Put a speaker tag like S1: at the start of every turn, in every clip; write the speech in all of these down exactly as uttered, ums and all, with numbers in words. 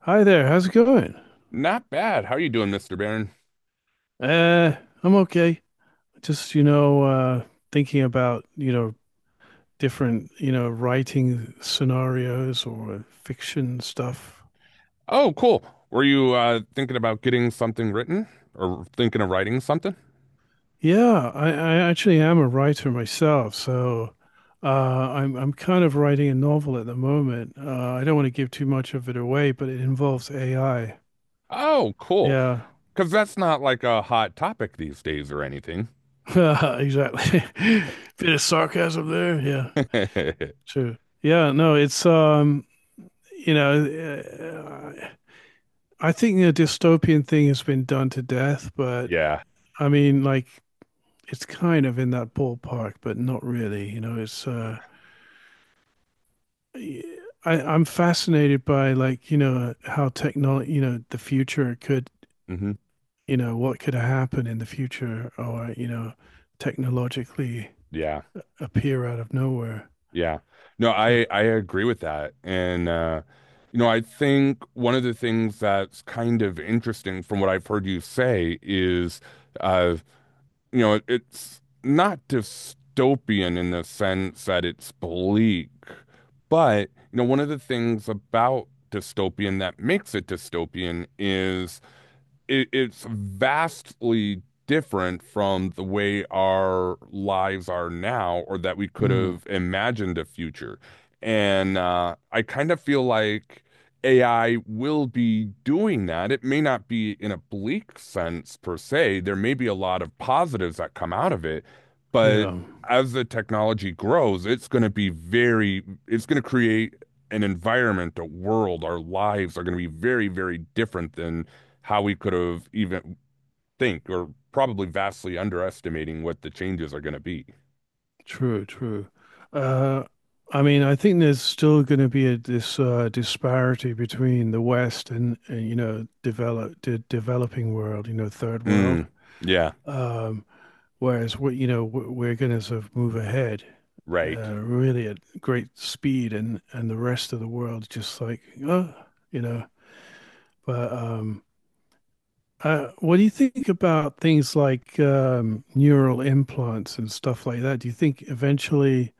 S1: Hi there. How's it going?
S2: Not bad. How are you doing, mister Barron?
S1: Uh, I'm okay. Just, you know, uh, thinking about, you know, different, you know, writing scenarios or fiction stuff.
S2: Oh, cool. Were you uh, thinking about getting something written or thinking of writing something?
S1: Yeah, I, I actually am a writer myself, so uh, I'm I'm kind of writing a novel at the moment. Uh, I don't want to give too much of it away, but it involves A I.
S2: Oh, cool.
S1: Yeah,
S2: Because that's not like a hot topic these days or anything.
S1: exactly. Bit of sarcasm there. Yeah, sure. Yeah, no, it's um, you know, uh, I think the dystopian thing has been done to death, but
S2: Yeah.
S1: I mean, like, it's kind of in that ballpark, but not really. You know, it's uh, I, I'm fascinated by like, you know, how technology, you know, the future could,
S2: Hmm.
S1: you know, what could happen in the future, or you know, technologically
S2: Yeah.
S1: appear out of nowhere.
S2: Yeah. No,
S1: So
S2: I I agree with that. And uh You know, I think one of the things that's kind of interesting from what I've heard you say is uh you know, it's not dystopian in the sense that it's bleak, but you know, one of the things about dystopian that makes it dystopian is it, it's vastly different from the way our lives are now or that we could
S1: mm.
S2: have imagined a future. And uh, I kind of feel like A I will be doing that. It may not be in a bleak sense per se. There may be a lot of positives that come out of it, but
S1: Yeah.
S2: as the technology grows, it's going to be very, it's going to create an environment, a world, our lives are going to be very, very different than how we could have even think or probably vastly underestimating what the changes are going to be.
S1: True, true. Uh, I mean, I think there's still going to be a, this uh, disparity between the West and, and you know develop the developing world, you know, third world.
S2: Mm, yeah,
S1: Um, whereas we, you know, w- we're going to sort of move ahead
S2: right.
S1: uh, really at great speed, and and the rest of the world just like, oh, you know. But um, uh, what do you think about things like um, neural implants and stuff like that? Do you think eventually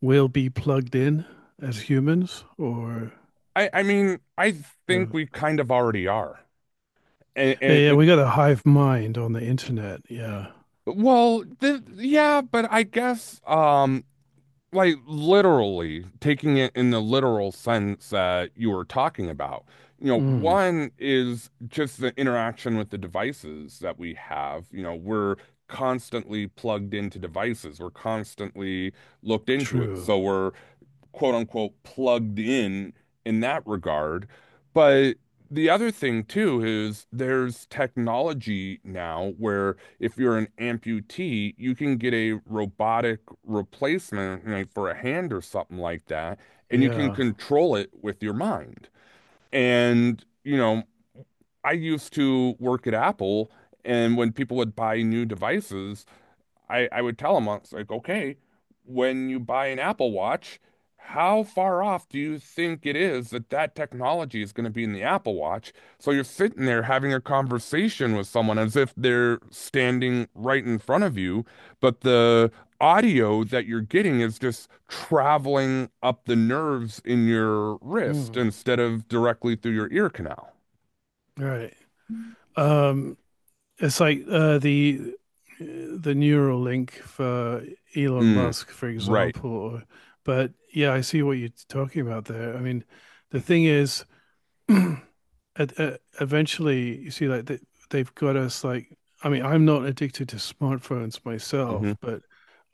S1: we'll be plugged in as humans, or
S2: I, I mean, I
S1: you
S2: think
S1: know,
S2: we kind of already are. And,
S1: yeah,
S2: and
S1: yeah,
S2: and
S1: we got a hive mind on the internet. Yeah,
S2: well, th- yeah, but I guess um like literally taking it in the literal sense that you were talking about. You know,
S1: mm,
S2: one is just the interaction with the devices that we have. You know, we're constantly plugged into devices. We're constantly looked into it.
S1: true.
S2: So we're quote unquote plugged in in that regard. But the other thing too is there's technology now where if you're an amputee, you can get a robotic replacement like for a hand or something like that, and you can
S1: Yeah,
S2: control it with your mind. And, you know, I used to work at Apple, and when people would buy new devices, I, I would tell him, I was like, okay, when you buy an Apple Watch, how far off do you think it is that that technology is going to be in the Apple Watch? So you're sitting there having a conversation with someone as if they're standing right in front of you, but the audio that you're getting is just traveling up the nerves in your wrist
S1: mm,
S2: instead of directly through your ear canal.
S1: right. Um, it's like uh, the the neural link for Elon
S2: Mm,
S1: Musk, for
S2: right.
S1: example. Or, but yeah, I see what you're talking about there. I mean, the thing is. Ed- uh, eventually, you see, like they, they've got us like, I mean, I'm not addicted to smartphones
S2: Hmm.
S1: myself, but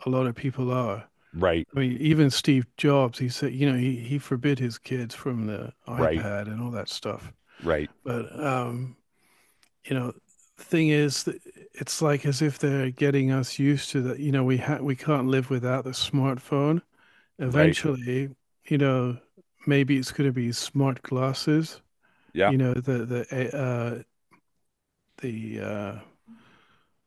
S1: a lot of people are.
S2: Right.
S1: I mean, even Steve Jobs, he said, you know, he he forbid his kids from the
S2: Right.
S1: iPad and all that stuff.
S2: Right.
S1: But um, you know, thing is, that it's like as if they're getting us used to that. You know, we ha we can't live without the smartphone.
S2: Right.
S1: Eventually, you know, maybe it's going to be smart glasses
S2: Yeah.
S1: you know the the uh, the uh,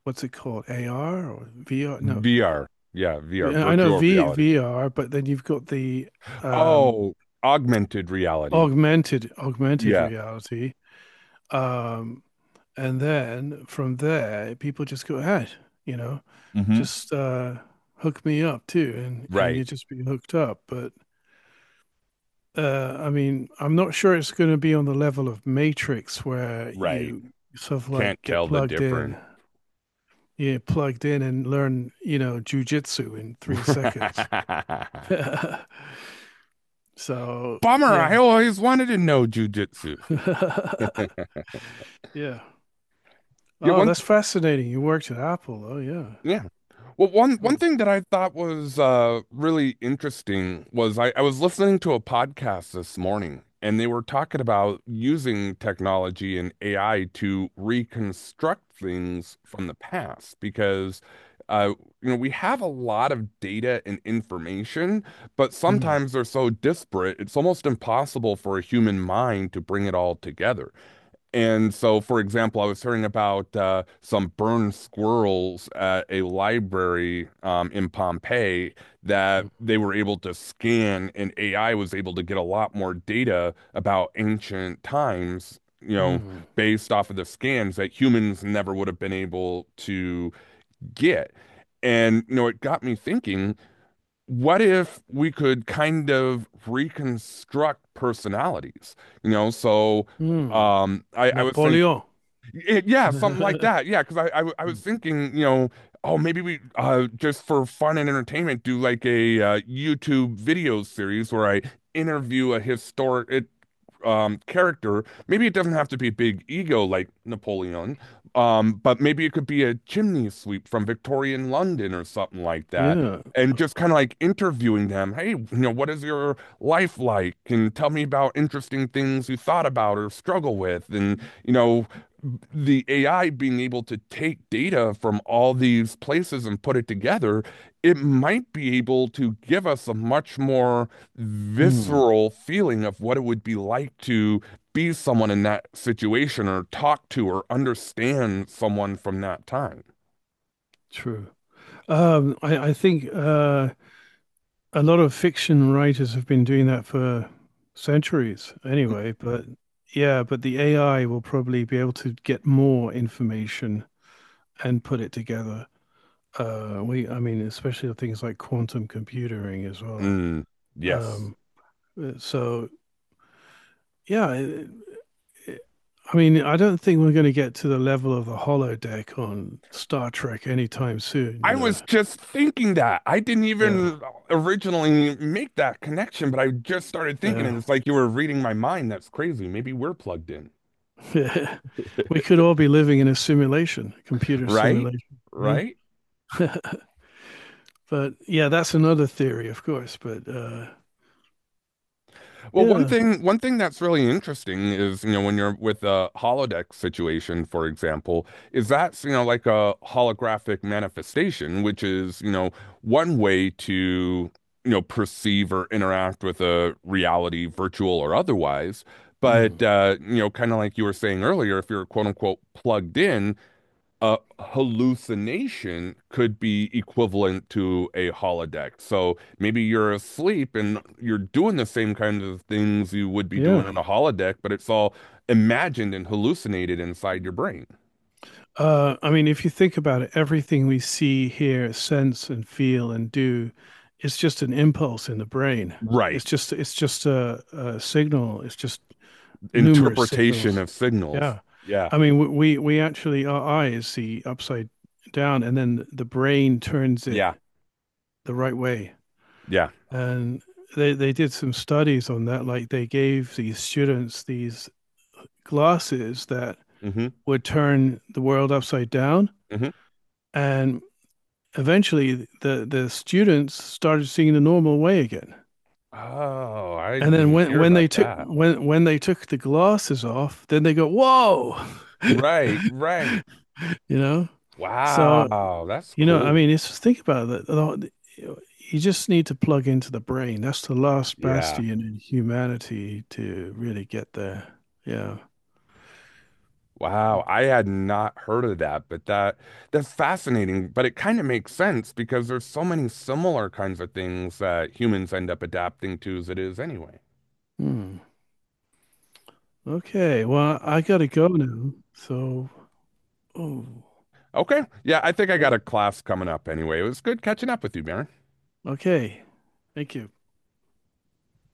S1: what's it called, A R or V R? No,
S2: V R. Yeah, V R,
S1: I know
S2: virtual
S1: v,
S2: reality.
S1: VR, but then you've got the um,
S2: Oh, augmented reality.
S1: augmented augmented
S2: Yeah.
S1: reality, um, and then from there people just go ahead, you know,
S2: Hmm.
S1: just uh, hook me up too, and and
S2: Right,
S1: you just be hooked up. But uh, I mean, I'm not sure it's going to be on the level of Matrix where
S2: right.
S1: you sort of like
S2: Can't
S1: get
S2: tell the
S1: plugged
S2: difference.
S1: in, yeah, plugged in and learn, you know, jujitsu in three seconds.
S2: Bummer.
S1: So, yeah.
S2: I always wanted to know jujitsu.
S1: Yeah.
S2: Yeah,
S1: Oh,
S2: one.
S1: that's fascinating. You worked at Apple. Oh, yeah.
S2: Yeah. Well, one one
S1: Cool.
S2: thing that I thought was uh, really interesting was I, I was listening to a podcast this morning, and they were talking about using technology and A I to reconstruct things from the past because uh, you know we have a lot of data and information, but
S1: Mm,
S2: sometimes they're so disparate, it's almost impossible for a human mind to bring it all together. And so, for example, I was hearing about uh, some burned squirrels at a library um, in Pompeii that
S1: mm,
S2: they were able to scan, and A I was able to get a lot more data about ancient times, you know,
S1: mm,
S2: based off of the scans that humans never would have been able to get. And, you know, it got me thinking, what if we could kind of reconstruct personalities? You know, so.
S1: mm.
S2: Um, I, I was thinking
S1: Napoleon.
S2: it, yeah, something like that. Yeah, because I, I w- I was thinking, you know, oh maybe we uh just for fun and entertainment do like a uh, YouTube video series where I interview a historic um, character. Maybe it doesn't have to be big ego like Napoleon, um, but maybe it could be a chimney sweep from Victorian London or something like that.
S1: Yeah.
S2: And just kind of like interviewing them. Hey, you know, what is your life like? And tell me about interesting things you thought about or struggle with. And, you know, the A I being able to take data from all these places and put it together, it might be able to give us a much more
S1: Mm,
S2: visceral feeling of what it would be like to be someone in that situation or talk to or understand someone from that time.
S1: true. Um, I, I think uh, a lot of fiction writers have been doing that for centuries anyway, but yeah, but the A I will probably be able to get more information and put it together. Uh, we, I mean, especially things like quantum computing as well.
S2: Mm, yes.
S1: Um, so yeah, it, it, I mean, I don't think we're going to get to the level of the holodeck on Star Trek anytime soon. You
S2: I
S1: know,
S2: was just thinking that. I didn't
S1: yeah,
S2: even originally make that connection, but I just started thinking, and
S1: yeah,
S2: it's like you were reading my mind. That's crazy. Maybe we're plugged in,
S1: yeah. we could all be living in a simulation, computer
S2: right?
S1: simulation. You know,
S2: Right?
S1: but yeah, that's another theory, of course. But uh,
S2: Well, one
S1: yeah,
S2: thing one thing that's really interesting is, you know, when you're with a holodeck situation, for example, is that's, you know, like a holographic manifestation, which is, you know, one way to, you know, perceive or interact with a reality, virtual or otherwise. But
S1: mm.
S2: uh, You know, kind of like you were saying earlier, if you're quote unquote plugged in, a hallucination could be equivalent to a holodeck. So maybe you're asleep and you're doing the same kind of things you would be doing
S1: Yeah.
S2: in a holodeck, but it's all imagined and hallucinated inside your brain.
S1: Uh, I mean, if you think about it, everything we see, hear, sense, and feel and do is just an impulse in the brain.
S2: Right.
S1: It's just it's just a, a signal. It's just numerous
S2: Interpretation
S1: signals.
S2: of signals.
S1: Yeah.
S2: Yeah.
S1: I mean, w- we we actually our eyes see upside down, and then the brain turns it
S2: Yeah.
S1: the right way.
S2: Yeah.
S1: And they they did some studies on that. Like they gave these students these glasses that
S2: Hmm.
S1: would turn the world upside down
S2: Hmm.
S1: and eventually the the students started seeing the normal way again.
S2: Oh, I
S1: And then
S2: didn't
S1: when
S2: hear
S1: when
S2: about
S1: they took
S2: that.
S1: when when they took the glasses off, then they go, "Whoa!"
S2: Right. Right.
S1: you know. So
S2: Wow. That's
S1: you know, I
S2: cool.
S1: mean, it's think about it. You just need to plug into the brain. That's the last
S2: Yeah.
S1: bastion in humanity to really get there. Yeah.
S2: Wow, I had not heard of that, but that that's fascinating. But it kind of makes sense because there's so many similar kinds of things that humans end up adapting to as it is anyway.
S1: Hmm. Okay. Well, I gotta go now. So, oh,
S2: Okay, yeah, I think I
S1: yeah.
S2: got a class coming up anyway. It was good catching up with you, Mary.
S1: Okay. Thank you.